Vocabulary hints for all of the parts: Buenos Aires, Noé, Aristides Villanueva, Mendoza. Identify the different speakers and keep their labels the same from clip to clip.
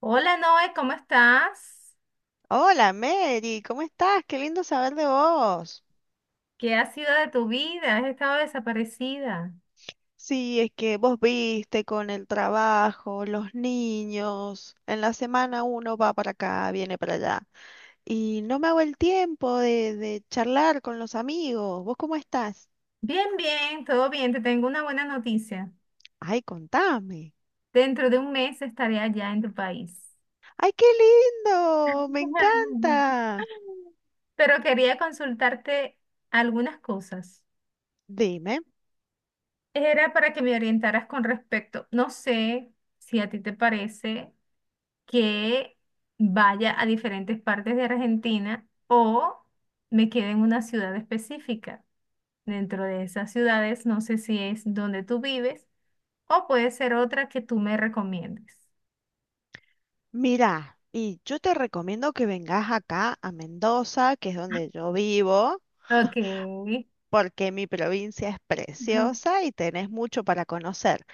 Speaker 1: Hola Noé, ¿cómo estás?
Speaker 2: Hola Mary, ¿cómo estás? Qué lindo saber de vos.
Speaker 1: ¿Qué ha sido de tu vida? ¿Has estado desaparecida?
Speaker 2: Sí, es que vos viste con el trabajo, los niños. En la semana uno va para acá, viene para allá. Y no me hago el tiempo de charlar con los amigos. ¿Vos cómo estás?
Speaker 1: Bien, bien, todo bien. Te tengo una buena noticia.
Speaker 2: Ay, contame.
Speaker 1: Dentro de un mes estaré allá en tu país.
Speaker 2: Ay, qué lindo, me encanta.
Speaker 1: Pero quería consultarte algunas cosas.
Speaker 2: Dime,
Speaker 1: Era para que me orientaras con respecto. No sé si a ti te parece que vaya a diferentes partes de Argentina o me quede en una ciudad específica. Dentro de esas ciudades. No sé si es donde tú vives o puede ser otra que tú me recomiendes.
Speaker 2: mira, y yo te recomiendo que vengas acá a Mendoza, que es donde yo vivo.
Speaker 1: Ok.
Speaker 2: Porque mi provincia es
Speaker 1: Ujú.
Speaker 2: preciosa y tenés mucho para conocer,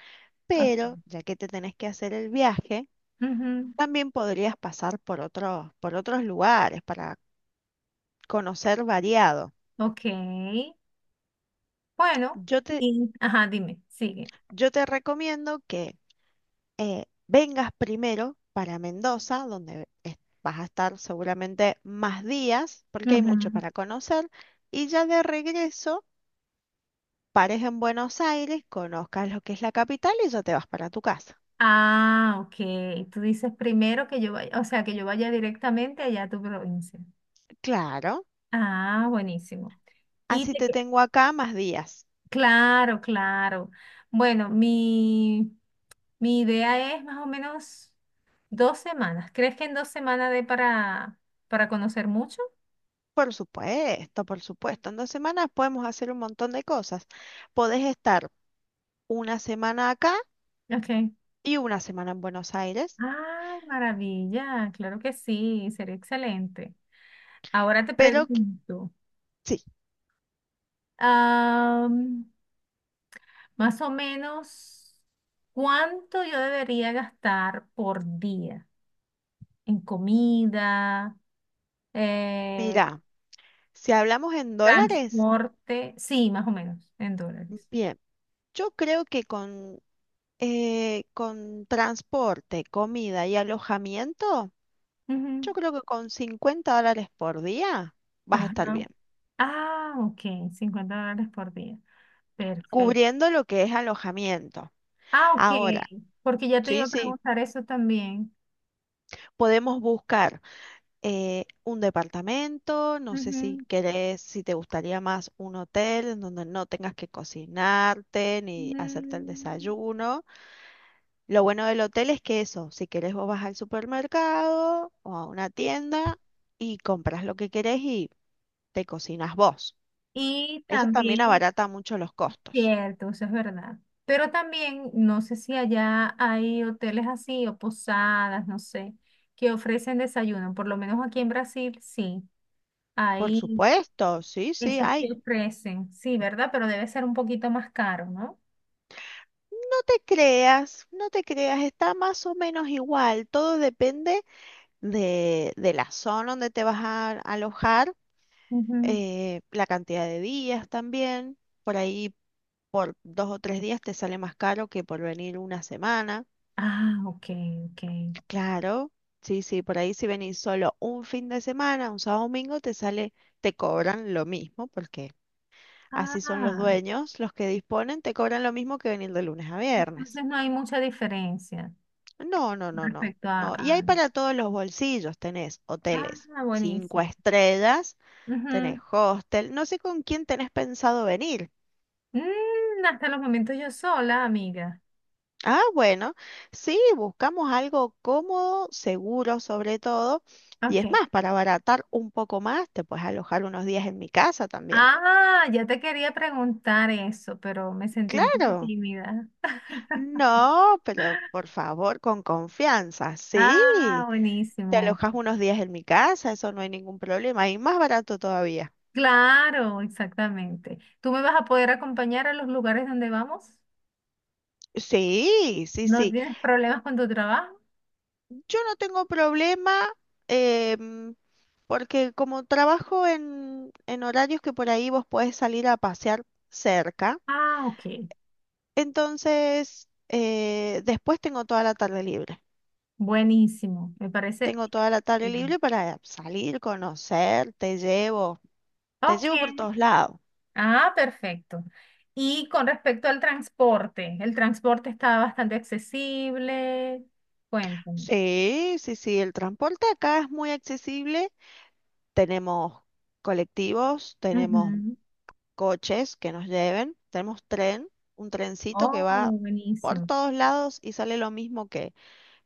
Speaker 1: O-
Speaker 2: pero ya que te tenés que hacer el viaje,
Speaker 1: ujú.
Speaker 2: también podrías pasar por otros lugares para conocer variado.
Speaker 1: Ok. Bueno,
Speaker 2: Yo te,
Speaker 1: y, ajá, dime, sigue.
Speaker 2: yo te recomiendo que vengas primero para Mendoza, vas a estar seguramente más días, porque hay mucho
Speaker 1: Ujú.
Speaker 2: para conocer, y ya de regreso pares en Buenos Aires, conozcas lo que es la capital y ya te vas para tu casa.
Speaker 1: Ah, ok. Tú dices primero que yo vaya, o sea, que yo vaya directamente allá a tu provincia.
Speaker 2: Claro.
Speaker 1: Ah, buenísimo. Y
Speaker 2: Así
Speaker 1: te,
Speaker 2: te
Speaker 1: que-
Speaker 2: tengo acá más días.
Speaker 1: claro, claro. Bueno, mi idea es más o menos 2 semanas. ¿Crees que en 2 semanas dé para conocer mucho?
Speaker 2: Por supuesto, por supuesto. En 2 semanas podemos hacer un montón de cosas. Podés estar una semana acá
Speaker 1: Ok.
Speaker 2: y una semana en Buenos Aires,
Speaker 1: Ay, maravilla, claro que sí, sería excelente. Ahora te
Speaker 2: pero qu-
Speaker 1: pregunto,
Speaker 2: sí,
Speaker 1: am, más o menos, ¿cuánto yo debería gastar por día en comida, eh,
Speaker 2: mira, si hablamos en dólares,
Speaker 1: transporte? Sí, más o menos, en dólares.
Speaker 2: bien, yo creo que con transporte, comida y alojamiento,
Speaker 1: Ujú.
Speaker 2: yo creo que con $50 por día vas a estar
Speaker 1: Ajá.
Speaker 2: bien,
Speaker 1: Ah, ok, $50 por día. Perfecto.
Speaker 2: cubriendo lo que es alojamiento.
Speaker 1: Ah, ok,
Speaker 2: Ahora,
Speaker 1: porque ya te iba
Speaker 2: sí,
Speaker 1: a
Speaker 2: sí,
Speaker 1: preguntar eso también.
Speaker 2: podemos buscar un departamento, no sé si
Speaker 1: Ujú.
Speaker 2: querés, si te gustaría más un hotel en donde no tengas que cocinarte ni hacerte el
Speaker 1: Mm,
Speaker 2: desayuno. Lo bueno del hotel es que eso, si querés vos vas al supermercado o a una tienda y compras lo que querés y te cocinas vos.
Speaker 1: y
Speaker 2: Eso también
Speaker 1: también,
Speaker 2: abarata mucho los costos.
Speaker 1: cierto, eso es verdad. Pero también, no sé si allá hay hoteles así o posadas, no sé, que ofrecen desayuno. Por lo menos aquí en Brasil, sí,
Speaker 2: Por
Speaker 1: hay
Speaker 2: supuesto, sí, sí,
Speaker 1: esos que
Speaker 2: hay.
Speaker 1: ofrecen. Sí, ¿verdad? Pero debe ser un poquito más caro, ¿no?
Speaker 2: No te creas, no te creas, está más o menos igual, todo depende de la zona donde te vas a alojar,
Speaker 1: Ujú.
Speaker 2: la cantidad de días también. Por ahí por 2 o 3 días te sale más caro que por venir una semana.
Speaker 1: Ah, ok, ok.
Speaker 2: Claro, sí, sí, por ahí si venís solo un fin de semana, un sábado domingo, te sale, te cobran lo mismo, porque así son los
Speaker 1: Ah,
Speaker 2: dueños, los que disponen, te cobran lo mismo que venir de lunes a viernes.
Speaker 1: entonces no hay mucha diferencia
Speaker 2: No, no, no, no.
Speaker 1: respecto a...
Speaker 2: No, y
Speaker 1: a-
Speaker 2: hay para todos los bolsillos, tenés hoteles
Speaker 1: Ah,
Speaker 2: cinco
Speaker 1: buenísimo.
Speaker 2: estrellas. Tenés
Speaker 1: Ujú.
Speaker 2: hostel, no sé con quién tenés pensado venir.
Speaker 1: Mm, hasta los momentos yo sola, amiga.
Speaker 2: Ah, bueno, sí, buscamos algo cómodo, seguro sobre todo, y es
Speaker 1: Ok.
Speaker 2: más, para abaratar un poco más, te puedes alojar unos días en mi casa también.
Speaker 1: Ah, ya te quería preguntar eso, pero me sentí un poco
Speaker 2: Claro,
Speaker 1: tímida.
Speaker 2: no, pero por favor, con confianza,
Speaker 1: Ah,
Speaker 2: sí, te
Speaker 1: buenísimo.
Speaker 2: alojas unos días en mi casa, eso no hay ningún problema, y más barato todavía.
Speaker 1: Claro, exactamente. ¿Tú me vas a poder acompañar a los lugares donde vamos?
Speaker 2: Sí, sí,
Speaker 1: ¿No
Speaker 2: sí.
Speaker 1: tienes problemas con tu trabajo?
Speaker 2: Yo no tengo problema em, porque como trabajo en horarios que por ahí vos podés salir a pasear cerca,
Speaker 1: Ah, ok.
Speaker 2: entonces después tengo toda la tarde libre.
Speaker 1: Buenísimo, me parece
Speaker 2: Tengo toda la tarde
Speaker 1: excelente.
Speaker 2: libre para salir, conocer, te
Speaker 1: Ok,
Speaker 2: llevo por todos lados.
Speaker 1: ah, perfecto. Y con respecto al transporte, el transporte está bastante accesible. Cuéntame.
Speaker 2: Sí, sí, sí, el transporte acá es muy accesible. Tenemos colectivos, tenemos
Speaker 1: Ujú.
Speaker 2: coches que nos lleven, tenemos tren, un trencito que
Speaker 1: Oh,
Speaker 2: va por
Speaker 1: buenísimo.
Speaker 2: todos lados y sale lo mismo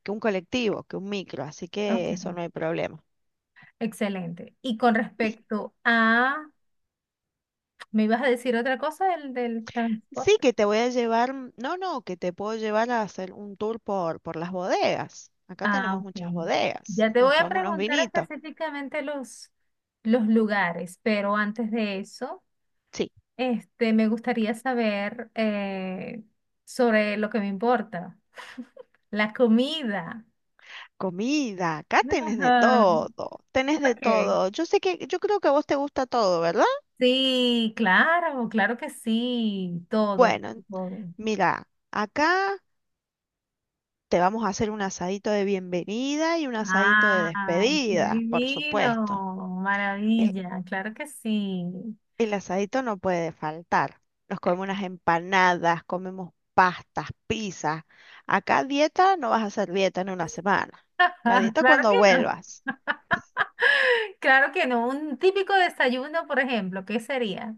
Speaker 2: que un colectivo, que un micro, así
Speaker 1: Ok,
Speaker 2: que eso no hay problema.
Speaker 1: excelente. Y con
Speaker 2: Y
Speaker 1: respecto a, ¿me ibas a decir otra cosa del
Speaker 2: sí
Speaker 1: transporte?
Speaker 2: que te voy a llevar, no, no, que te puedo llevar a hacer un tour por las bodegas. Acá
Speaker 1: Ah,
Speaker 2: tenemos muchas
Speaker 1: ok.
Speaker 2: bodegas,
Speaker 1: Ya te
Speaker 2: nos
Speaker 1: voy a
Speaker 2: tomamos unos
Speaker 1: preguntar
Speaker 2: vinitos.
Speaker 1: específicamente los lugares, pero antes de eso.
Speaker 2: Sí,
Speaker 1: Este, me gustaría saber sobre lo que me importa, la comida.
Speaker 2: comida, acá tenés de
Speaker 1: Ajá.
Speaker 2: todo, tenés de
Speaker 1: Ok.
Speaker 2: todo. Yo sé que, yo creo que a vos te gusta todo, ¿verdad?
Speaker 1: Sí, claro, claro que sí, todo,
Speaker 2: Bueno,
Speaker 1: todo.
Speaker 2: mira, acá te vamos a hacer un asadito de bienvenida y un asadito de
Speaker 1: Ah, qué
Speaker 2: despedida, por supuesto.
Speaker 1: divino,
Speaker 2: El,
Speaker 1: maravilla, claro que sí.
Speaker 2: el asadito no puede faltar. Nos comemos unas empanadas, comemos pastas, pizzas. Acá dieta no vas a hacer dieta en una semana. La dieta
Speaker 1: Claro que
Speaker 2: cuando
Speaker 1: no,
Speaker 2: vuelvas.
Speaker 1: claro que no. Un típico desayuno, por ejemplo, ¿qué sería?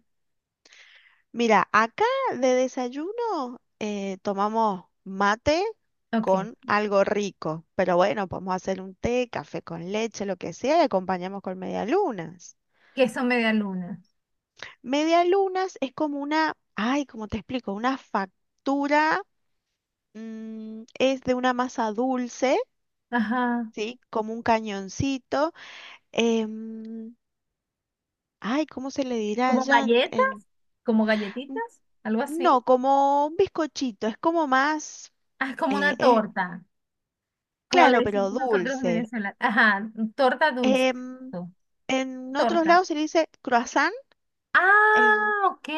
Speaker 2: Mira, acá de desayuno tomamos mate
Speaker 1: Ok,
Speaker 2: con algo rico, pero bueno, podemos hacer un té, café con leche, lo que sea, y acompañamos con medialunas.
Speaker 1: queso media luna.
Speaker 2: Media lunas es como una, ay, ¿cómo te explico? Una factura, es de una masa dulce,
Speaker 1: Ajá.
Speaker 2: ¿sí? Como un cañoncito. em, Ay, ¿cómo se le dirá
Speaker 1: Como
Speaker 2: allá?
Speaker 1: galletas, como
Speaker 2: N-
Speaker 1: galletitas, algo así.
Speaker 2: no, como un bizcochito, es como más,
Speaker 1: Ah, como
Speaker 2: eh,
Speaker 1: una
Speaker 2: es,
Speaker 1: torta, como le
Speaker 2: claro, pero
Speaker 1: decimos nosotros en
Speaker 2: dulce.
Speaker 1: Venezuela. Ajá, torta dulce.
Speaker 2: Em,
Speaker 1: Eso,
Speaker 2: en otros
Speaker 1: torta.
Speaker 2: lados se le dice croissant. El,
Speaker 1: Ah, ok.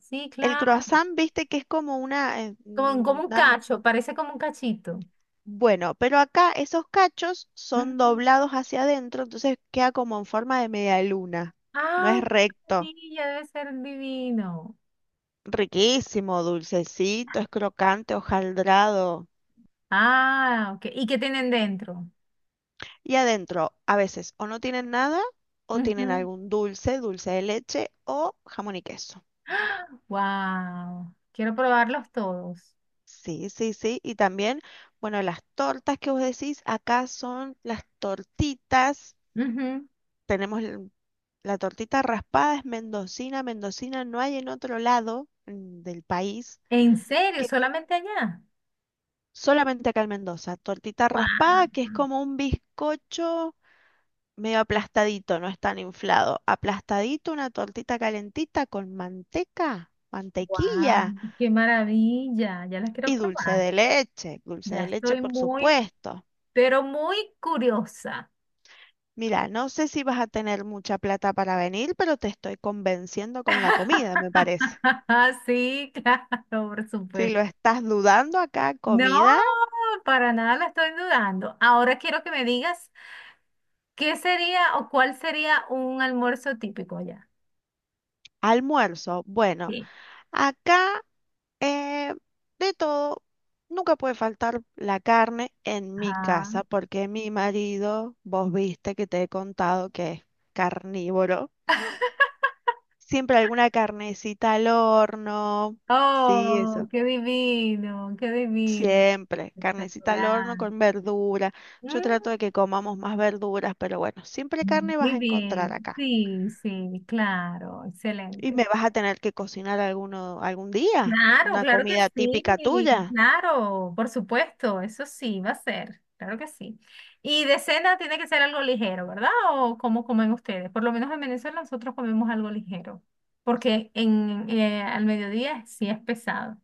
Speaker 1: Sí,
Speaker 2: el
Speaker 1: claro.
Speaker 2: croissant, viste que es como una,
Speaker 1: Como, como un cacho, parece como un cachito.
Speaker 2: bueno, pero acá esos cachos son
Speaker 1: Ujú.
Speaker 2: doblados hacia adentro, entonces queda como en forma de media luna. No es
Speaker 1: Ay, qué
Speaker 2: recto.
Speaker 1: maravilla, debe ser divino.
Speaker 2: Riquísimo, dulcecito, es crocante, hojaldrado.
Speaker 1: Ah, ok. ¿Y qué tienen dentro?
Speaker 2: Y adentro, a veces o no tienen nada, o tienen
Speaker 1: Ujú.
Speaker 2: algún dulce, dulce de leche o jamón y queso.
Speaker 1: Wow. Quiero probarlos todos.
Speaker 2: Sí, sí, sí. Y también, bueno, las tortas que vos decís, acá son las tortitas.
Speaker 1: Ujú.
Speaker 2: Tenemos l- La tortita raspada es mendocina. Mendocina no hay en otro lado del país,
Speaker 1: ¿En serio?
Speaker 2: que
Speaker 1: ¿Solamente allá?
Speaker 2: solamente acá en Mendoza. Tortita raspada,
Speaker 1: ¡Guau!
Speaker 2: que es como un bizcocho medio aplastadito, no es tan inflado. Aplastadito, una tortita calentita con manteca,
Speaker 1: ¡Guau!
Speaker 2: mantequilla
Speaker 1: ¡Qué maravilla! Ya las quiero
Speaker 2: y dulce
Speaker 1: probar.
Speaker 2: de leche. Dulce
Speaker 1: Ya
Speaker 2: de leche,
Speaker 1: estoy
Speaker 2: por
Speaker 1: muy,
Speaker 2: supuesto.
Speaker 1: pero muy curiosa.
Speaker 2: Mira, no sé si vas a tener mucha plata para venir, pero te estoy convenciendo con la comida, me parece.
Speaker 1: Sí, claro, por
Speaker 2: Si
Speaker 1: supuesto.
Speaker 2: lo estás dudando acá,
Speaker 1: No,
Speaker 2: comida.
Speaker 1: para nada la estoy dudando. Ahora quiero que me digas qué sería o cuál sería un almuerzo típico allá.
Speaker 2: Almuerzo. Bueno,
Speaker 1: Sí.
Speaker 2: acá eh, de todo, nunca puede faltar la carne en mi
Speaker 1: Ajá.
Speaker 2: casa, porque mi marido, vos viste que te he contado que es carnívoro. Siempre alguna carnecita al horno. Sí,
Speaker 1: Oh,
Speaker 2: eso.
Speaker 1: qué divino, qué divino.
Speaker 2: Siempre. Carnecita al
Speaker 1: Espectacular.
Speaker 2: horno con verdura. Yo
Speaker 1: Mm,
Speaker 2: trato de que comamos más verduras, pero bueno, siempre carne vas
Speaker 1: muy
Speaker 2: a encontrar
Speaker 1: bien,
Speaker 2: acá.
Speaker 1: sí, sí, claro,
Speaker 2: Y
Speaker 1: excelente.
Speaker 2: me vas a tener que cocinar alguno, algún día,
Speaker 1: Claro,
Speaker 2: una
Speaker 1: claro que
Speaker 2: comida típica
Speaker 1: sí,
Speaker 2: tuya.
Speaker 1: claro, por supuesto, eso sí, va a ser, claro que sí. Y de cena tiene que ser algo ligero, ¿verdad? ¿O cómo comen ustedes? Por lo menos en Venezuela nosotros comemos algo ligero, porque en, al mediodía sí es pesado.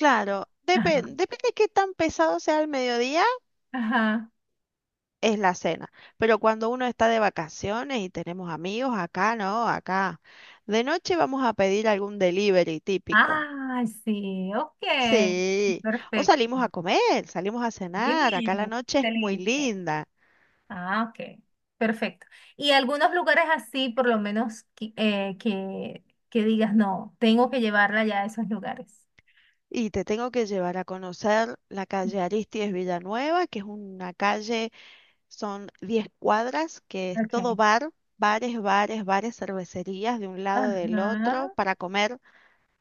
Speaker 2: Claro,
Speaker 1: Ajá.
Speaker 2: depende de qué tan pesado sea el mediodía,
Speaker 1: Ajá.
Speaker 2: es la cena. Pero cuando uno está de vacaciones y tenemos amigos, acá no, acá. De noche vamos a pedir algún delivery típico.
Speaker 1: Ah, sí, ok,
Speaker 2: Sí, o
Speaker 1: perfecto.
Speaker 2: salimos a comer, salimos a
Speaker 1: Muy
Speaker 2: cenar. Acá la
Speaker 1: bien,
Speaker 2: noche es muy
Speaker 1: excelente.
Speaker 2: linda.
Speaker 1: Ah, ok. Perfecto. Y algunos lugares así, por lo menos, que digas, no, tengo que llevarla ya a esos lugares.
Speaker 2: Y te tengo que llevar a conocer la calle Aristides Villanueva, que es una calle, son 10 cuadras, que es todo
Speaker 1: Ok.
Speaker 2: bar, bares, bares, bares, cervecerías de un lado del otro
Speaker 1: Ajá.
Speaker 2: para comer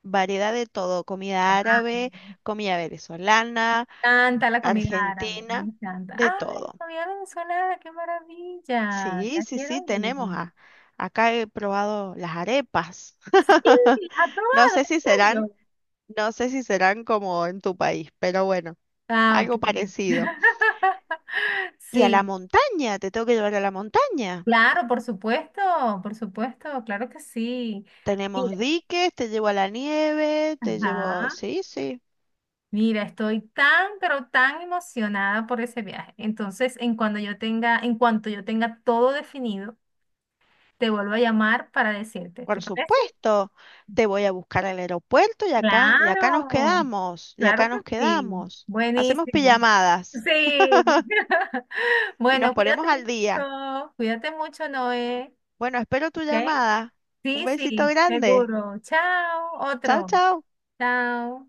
Speaker 2: variedad de todo, comida
Speaker 1: Guau.
Speaker 2: árabe, comida venezolana,
Speaker 1: Canta la comida árabe, me
Speaker 2: argentina,
Speaker 1: encanta. ¡Ay,
Speaker 2: de
Speaker 1: la
Speaker 2: todo.
Speaker 1: comida venezolana, qué maravilla!
Speaker 2: Sí,
Speaker 1: Ya
Speaker 2: sí, sí,
Speaker 1: quiero ir.
Speaker 2: acá he probado las arepas.
Speaker 1: Sí, ¿has
Speaker 2: No
Speaker 1: probado?
Speaker 2: sé
Speaker 1: ¿En
Speaker 2: si serán,
Speaker 1: serio?
Speaker 2: no sé si serán como en tu país, pero bueno,
Speaker 1: Ah, ok.
Speaker 2: algo parecido. Y a la
Speaker 1: Sí,
Speaker 2: montaña, te tengo que llevar a la montaña.
Speaker 1: claro, por supuesto, claro que sí. Mira,
Speaker 2: Tenemos diques, te llevo a la nieve, te llevo,
Speaker 1: ajá.
Speaker 2: sí, sí.
Speaker 1: Mira, estoy tan, pero tan emocionada por ese viaje. Entonces, en cuanto yo tenga todo definido, te vuelvo a llamar para decirte. ¿Te
Speaker 2: Por
Speaker 1: parece?
Speaker 2: supuesto, te voy a buscar al aeropuerto y acá nos
Speaker 1: Claro,
Speaker 2: quedamos, y
Speaker 1: claro
Speaker 2: acá
Speaker 1: que
Speaker 2: nos
Speaker 1: sí.
Speaker 2: quedamos. Hacemos
Speaker 1: Buenísimo.
Speaker 2: pijamadas
Speaker 1: Sí.
Speaker 2: y nos
Speaker 1: Bueno,
Speaker 2: ponemos
Speaker 1: cuídate
Speaker 2: al día.
Speaker 1: mucho. Cuídate mucho, Noé.
Speaker 2: Bueno, espero tu
Speaker 1: ¿Ok?
Speaker 2: llamada. Un
Speaker 1: Sí,
Speaker 2: besito
Speaker 1: sí,
Speaker 2: grande.
Speaker 1: seguro. Chao.
Speaker 2: Chao,
Speaker 1: Otro.
Speaker 2: chao.
Speaker 1: Chao.